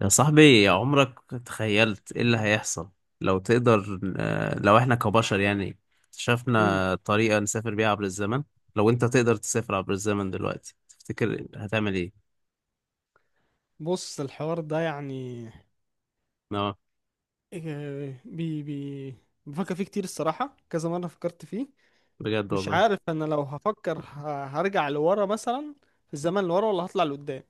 يا صاحبي، عمرك تخيلت ايه اللي هيحصل؟ لو تقدر آه، لو احنا كبشر يعني امم شفنا طريقة نسافر بيها عبر الزمن. لو انت تقدر تسافر عبر الزمن دلوقتي، تفتكر هتعمل ايه؟ بص الحوار ده يعني اه، إيه، بي بفكر فيه كتير الصراحة، كذا مرة فكرت فيه. بجد مش والله. عارف انا لو هفكر هرجع لورا مثلا في الزمن لورا ولا هطلع لقدام.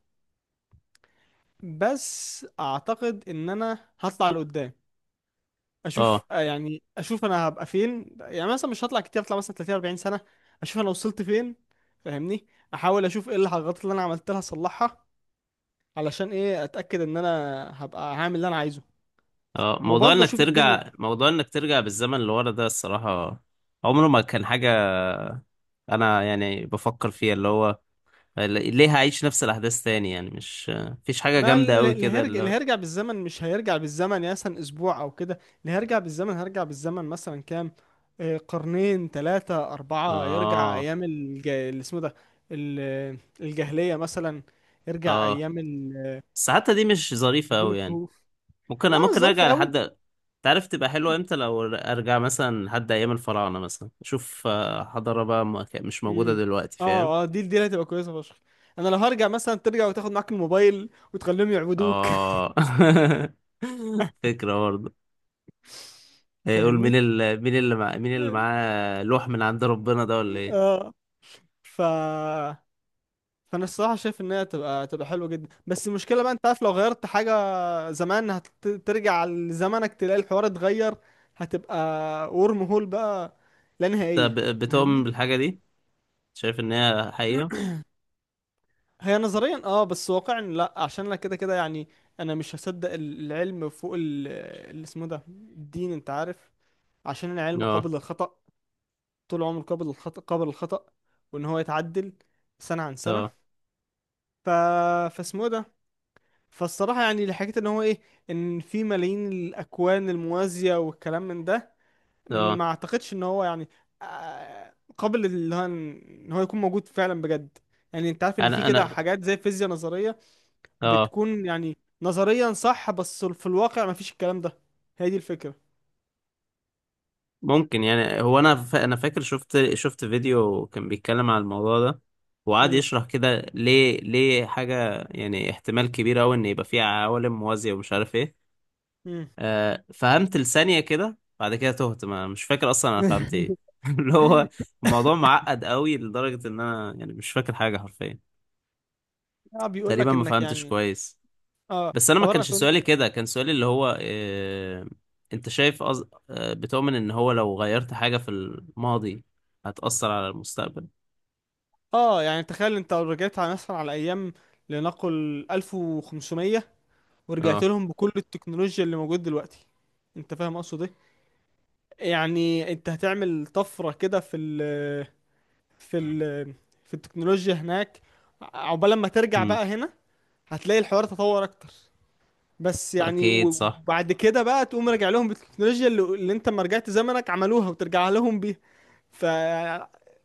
بس اعتقد ان انا هطلع لقدام، اه، اشوف يعني اشوف انا هبقى فين، يعني مثلا مش هطلع كتير، هطلع مثلا 30 40 سنة، اشوف انا وصلت فين. فاهمني، احاول اشوف ايه الغلطات اللي انا عملتها اصلحها، علشان ايه اتاكد ان انا هبقى هعمل اللي انا عايزه اه. موضوع وبرضه انك اشوف الدنيا. ترجع موضوع انك ترجع بالزمن لورا ده الصراحة عمره ما كان حاجة. انا يعني بفكر فيها، اللي هو ليه هعيش نفس الاحداث تاني؟ يعني مش مفيش حاجة ما جامدة قوي اللي كده هيرجع، اللي اللي هو. هيرجع بالزمن مش هيرجع بالزمن يعني مثلا اسبوع او كده، اللي هيرجع بالزمن هيرجع بالزمن مثلا كام قرنين 3 4 يرجع اه، أيام اللي اسمه ده الجاهلية مثلا، يرجع اه. أيام بس حتى دي مش ظريفة رجول قوي يعني. الكهوف. ممكن اه مش ممكن ظريفة ارجع قوي. لحد. تعرف تبقى حلوة امتى؟ لو ارجع مثلا لحد ايام الفراعنة، مثلا اشوف حضارة بقى ما كا- مش موجودة امم، دلوقتي، فاهم. اه اه دي، دي اللي هتبقى كويسة فشخ. انا لو هرجع مثلا ترجع وتاخد معاك الموبايل وتخليهم يعبدوك اه. فكرة برضه. يقول فاهمني. مين اللي معاه لوح من عند ربنا ده ولا ايه؟ اه. ف، فانا الصراحه شايف ان هي تبقى، تبقى حلوه جدا، بس المشكله بقى انت عارف لو غيرت حاجه زمان، هترجع لزمانك تلاقي الحوار اتغير، هتبقى ورم هول بقى، لا انت نهائيه. بتؤمن فاهمني. بالحاجة دي؟ شايف ان هي حقيقة؟ هي نظريا اه، بس واقعا لا، عشان انا كده كده يعني انا مش هصدق العلم فوق اللي اسمه ده الدين انت عارف، عشان العلم اه، قابل للخطأ، طول عمره قابل للخطأ، وان هو يتعدل سنة عن سنة. اه، ف... فاسمه ده، فالصراحة يعني اللي حكيت ان هو ايه، ان في ملايين الاكوان الموازية والكلام من ده، اه. ما اعتقدش ان هو يعني قابل اللي هو ان، إن هو يكون موجود فعلا بجد. يعني انت عارف ان في انا كده انا حاجات زي الفيزياء نظرية، اه. بتكون يعني نظريا صح، بس في الواقع ما فيش الكلام ده. هي دي الفكرة. ممكن، يعني هو انا فاكر شفت فيديو كان بيتكلم على الموضوع ده، وقعد مم. يشرح كده ليه حاجه، يعني احتمال كبير قوي ان يبقى فيه عوالم موازيه ومش عارف ايه. مم. فهمت لثانيه كده، بعد كده تهت، ما مش فاكر اصلا انا فهمت ايه. اللي هو الموضوع معقد قوي لدرجه ان انا يعني مش فاكر حاجه حرفيا. اه بيقول تقريبا لك ما انك فهمتش يعني، كويس. اه بس انا ما حوار كانش اكون. سؤالي كده، كان سؤالي اللي هو انت شايف أز... آه، بتؤمن ان هو لو غيرت حاجة في الماضي هتأثر على المستقبل؟ اه يعني تخيل انت لو رجعت على مثلا على ايام لنقل 1500، ورجعت اه. لهم بكل التكنولوجيا اللي موجود دلوقتي، انت فاهم اقصد ايه، يعني انت هتعمل طفرة كده في ال في التكنولوجيا هناك، عقبال لما ترجع امم. بقى هنا هتلاقي الحوار تطور اكتر. بس يعني اكيد صح. وبعد كده بقى تقوم راجع لهم بالتكنولوجيا اللي انت ما رجعت زمنك عملوها وترجع لهم بيها. ف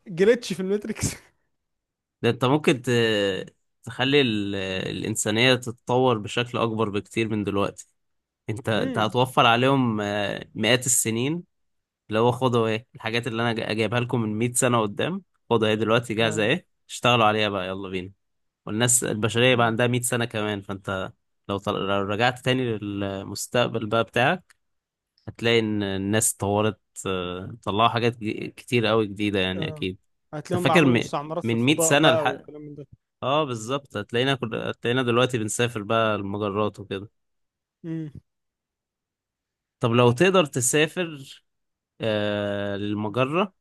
جريتش في الماتريكس ده انت ممكن تخلي الإنسانية تتطور بشكل اكبر بكتير من دلوقتي. انت امم هتوفر عليهم مئات السنين، اللي هو خدوا ايه الحاجات اللي انا جايبها لكم من 100 سنة قدام. خدوا ايه دلوقتي جاهزة، اه. ايه اشتغلوا عليها بقى، يلا بينا. والناس البشرية بقى امم عندها 100 سنة كمان، فأنت لو رجعت تاني للمستقبل بقى بتاعك، هتلاقي إن الناس طورت، طلعوا حاجات كتير قوي جديدة يعني اه، أكيد. أنت هتلاقيهم فاكر بيعملوا مستعمرات في من 100 الفضاء سنة بقى لح... وكلام من آه بالظبط، هتلاقينا دلوقتي بنسافر بقى المجرات وكده. ده. طب لو تقدر تسافر للمجرة،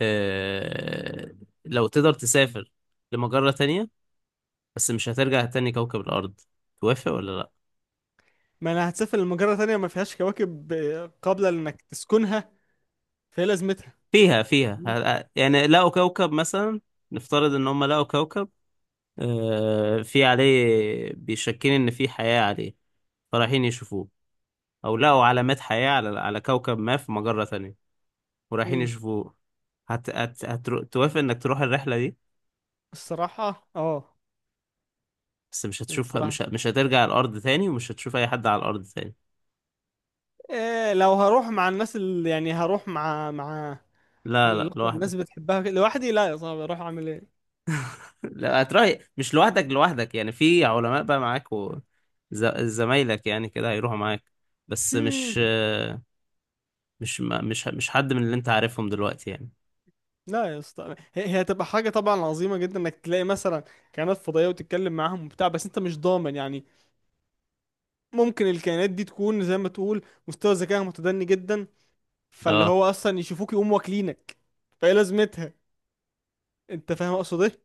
آه... لو تقدر تسافر لمجرة تانية، بس مش هترجع تاني كوكب الأرض. توافق ولا لأ؟ ما انا هتسافر لمجرة تانية ما فيهاش كواكب قابلة لانك تسكنها، فهي لازمتها. فيها فاهمني؟ يعني لقوا كوكب مثلا. نفترض ان هم لقوا كوكب في عليه بيشكين ان في حياة عليه، فرايحين يشوفوه. او لقوا علامات حياة على كوكب ما في مجرة تانية، ورايحين مم. يشوفوه. توافق انك تروح الرحلة دي، الصراحة اه. بس مش هتشوفها، الصراحة مش هترجع الارض تاني ومش هتشوف اي حد على الارض تاني؟ إيه، لو هروح مع الناس اللي يعني هروح مع لا، لا، الأخوة الناس لوحدك. بتحبها كده، لوحدي لا يا صاحبي اروح اعمل ايه. لا، هتروح مش لوحدك. لوحدك يعني في علماء بقى معاك زمايلك يعني كده هيروحوا معاك، بس مش مم. مش ما مش مش حد من اللي انت عارفهم دلوقتي يعني. لا يا اسطى، هي هتبقى حاجة طبعا عظيمة جدا انك تلاقي مثلا كائنات فضائية وتتكلم معاهم وبتاع، بس انت مش ضامن يعني ممكن الكائنات دي تكون زي ما تقول مستوى ذكائها متدني جدا، فاللي اه، هو اصلا يشوفوك يقوموا واكلينك. فايه لازمتها. انت فاهم اقصد ايه.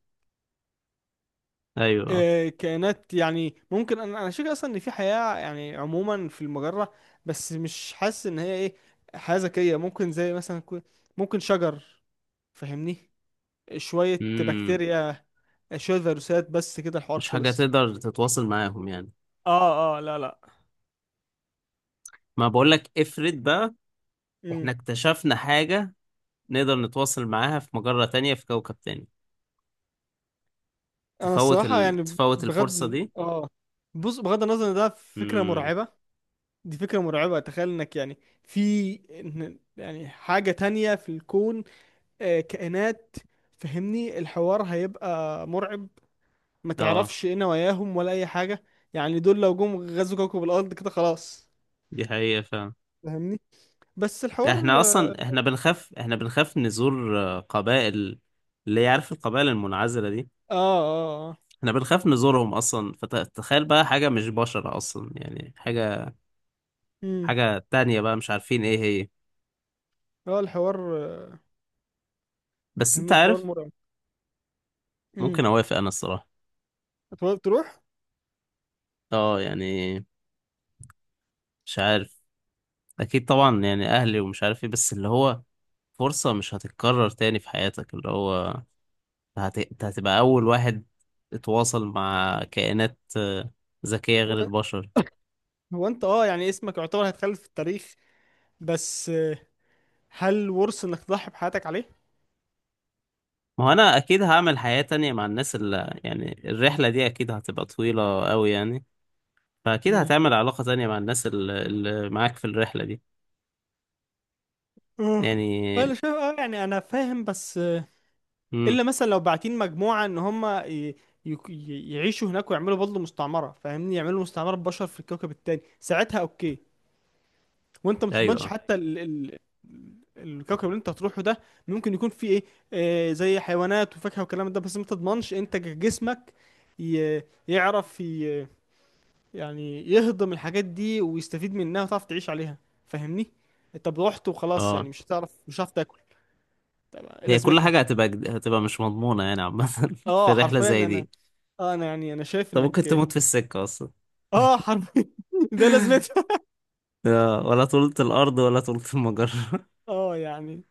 ايوه، اه، كائنات يعني ممكن، انا شايف اصلا ان في حياة يعني عموما في المجرة، بس مش حاسس ان هي ايه حياة ذكية. ممكن زي مثلا ممكن شجر، فاهمني، شوية امم. بكتيريا، شوية فيروسات، بس كده الحوار مش حاجة خلص. تقدر تتواصل معاهم يعني. اه اه لا لا. ما بقولك افرض بقى مم. احنا اكتشفنا حاجة نقدر نتواصل معاها في مجرة تانية في كوكب تاني، انا الصراحة يعني تفوت الفرصة بغض دي؟ اه، بص بغض النظر ان ده فكرة امم. مرعبة، دي فكرة مرعبة. تخيل انك يعني في يعني حاجة تانية في الكون، كائنات. فهمني، الحوار هيبقى مرعب، ما اه، تعرفش ايه نواياهم ولا اي حاجة. يعني دول لو جم غزوا كوكب الارض كده خلاص. دي حقيقة فعلا. فهمني، بس الحوار احنا اصلا اه. احنا بنخاف احنا بنخاف نزور قبائل. اللي يعرف القبائل المنعزلة دي اه. اه. احنا بنخاف نزورهم اصلا، فتخيل بقى حاجة مش بشر اصلا، يعني حاجة امم. حاجة تانية بقى مش عارفين ايه هي. هو الحوار بس انت فهمني، حوار عارف، مرعب. امم. ممكن اوافق انا الصراحة. هتقدر تروح. اه يعني، مش عارف. اكيد طبعا يعني اهلي ومش عارف ايه، بس اللي هو فرصة مش هتتكرر تاني في حياتك، اللي هو انت هتبقى اول واحد اتواصل مع كائنات ذكية غير هو البشر. هو انت اه يعني اسمك يعتبر هيتخلد في التاريخ، بس هل ورث انك تضحي بحياتك عليه. ما هو انا اكيد هعمل حياة تانية مع الناس اللي يعني الرحلة دي اكيد هتبقى طويلة قوي يعني. فاكيد امم. هتعمل علاقة تانية مع الناس اللي معاك في الرحلة دي اه يعني. انا شايف اه يعني انا فاهم، بس امم. الا مثلا لو باعتين مجموعه ان هم يعيشوا هناك ويعملوا برضه مستعمره، فاهمني، يعملوا مستعمره بشر في الكوكب التاني، ساعتها اوكي. وانت ما تضمنش ايوه، حتى ال ال الكوكب اللي انت هتروحه ده ممكن يكون فيه ايه، آه زي حيوانات وفاكهه والكلام ده، بس ما تضمنش انت جسمك ي- يعرف ي- يعني يهضم الحاجات دي ويستفيد منها وتعرف تعيش عليها. فاهمني، طب رحت وخلاص، يعني اه. مش هتعرف تاكل. طب ايه هي كل لازمتها. حاجة هتبقى هتبقى مش مضمونة يعني عامة، في اه رحلة حرفيا زي انا، دي. اه انا يعني انا شايف طب ممكن انك تموت في السكة أصلا، اه حرفيا ده لازمتها. ولا طولة الأرض ولا طولة المجرة. اه يعني،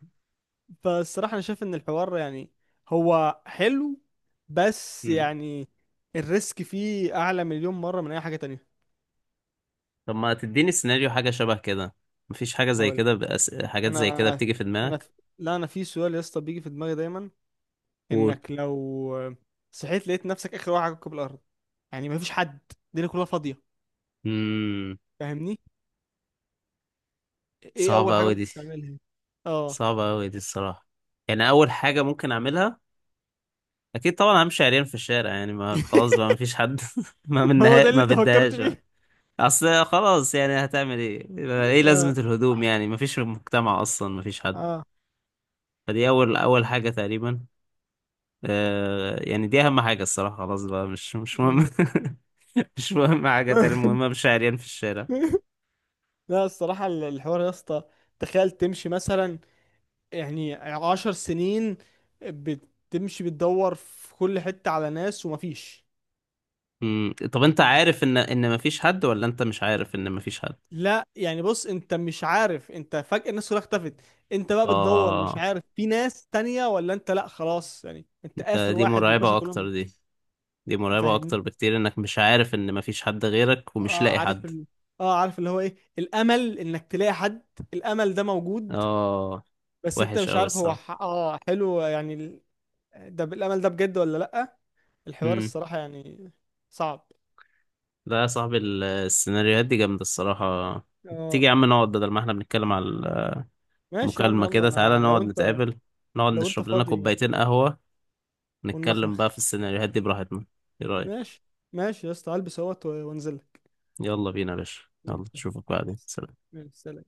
فالصراحة انا شايف ان الحوار يعني، هو حلو بس مم. يعني الريسك فيه اعلى مليون مرة من اي حاجة تانية. طب ما تديني سيناريو حاجة شبه كده؟ مفيش حاجة زي هقول، كده حاجات زي كده انا بتيجي في انا دماغك؟ لا انا في سؤال يا اسطى بيجي في دماغي دايما، قول. انك لو صحيت لقيت نفسك اخر واحد على كوكب الارض، يعني مفيش حد، الدنيا كلها فاضية. مم. فاهمني، ايه اول صعبة حاجة أوي ممكن دي تعملها. اه. صعبة أوي دي الصراحة. يعني أول حاجة ممكن أعملها أكيد طبعا همشي عريان في الشارع، يعني ما خلاص بقى مفيش حد. ما هو ده منها اللي ما انت فكرت بدهاش. فيه. اصل خلاص يعني هتعمل ايه؟ ايه لازمة اه الهدوم يعني، مفيش مجتمع اصلا، مفيش حد. اه. فدي اول اول حاجة تقريبا، يعني دي اهم حاجة الصراحة. خلاص بقى مش مم. مهم. مش مهم حاجة تانية، المهم مش عريان في الشارع. لا الصراحة الحوار يا اسطى، تخيل تمشي مثلا يعني 10 سنين بتمشي بتدور في كل حتة على ناس ومفيش. مم. طب انت ال- عارف ان مفيش حد، ولا انت مش عارف ان مفيش حد؟ لا يعني بص انت مش عارف، انت فجأة الناس كلها اختفت، انت بقى بتدور مش اه، عارف في ناس تانية ولا انت لا خلاص يعني انت ده آخر دي واحد والباشا مرعبة اكتر كلهم. دي. دي مرعبة فاهمني، اكتر بكتير انك مش عارف ان مفيش حد غيرك ومش اه لاقي عارف حد. اه عارف اللي هو ايه، الأمل انك تلاقي حد، الأمل ده موجود، اه، بس انت وحش مش قوي عارف هو الصراحة. اه حلو يعني ده بالأمل ده بجد ولا لأ. الحوار الصراحة يعني صعب. لا يا صاحبي، السيناريوهات دي جامدة الصراحة. تيجي اه يا عم نقعد، بدل ما احنا بنتكلم على ماشي يا عم المكالمة يلا، كده تعالى انا لو نقعد انت، نتقابل، نقعد لو انت نشرب لنا فاضي كوبايتين قهوة، نتكلم ونمخمخ. بقى في السيناريوهات دي براحتنا. ايه رأيك؟ ماشي. ماشي يا اسطى هلبس اهوت وانزل لك. يلا بينا يا باشا. يلا ماشي. اشوفك بعدين، سلام. ماشي، سلام.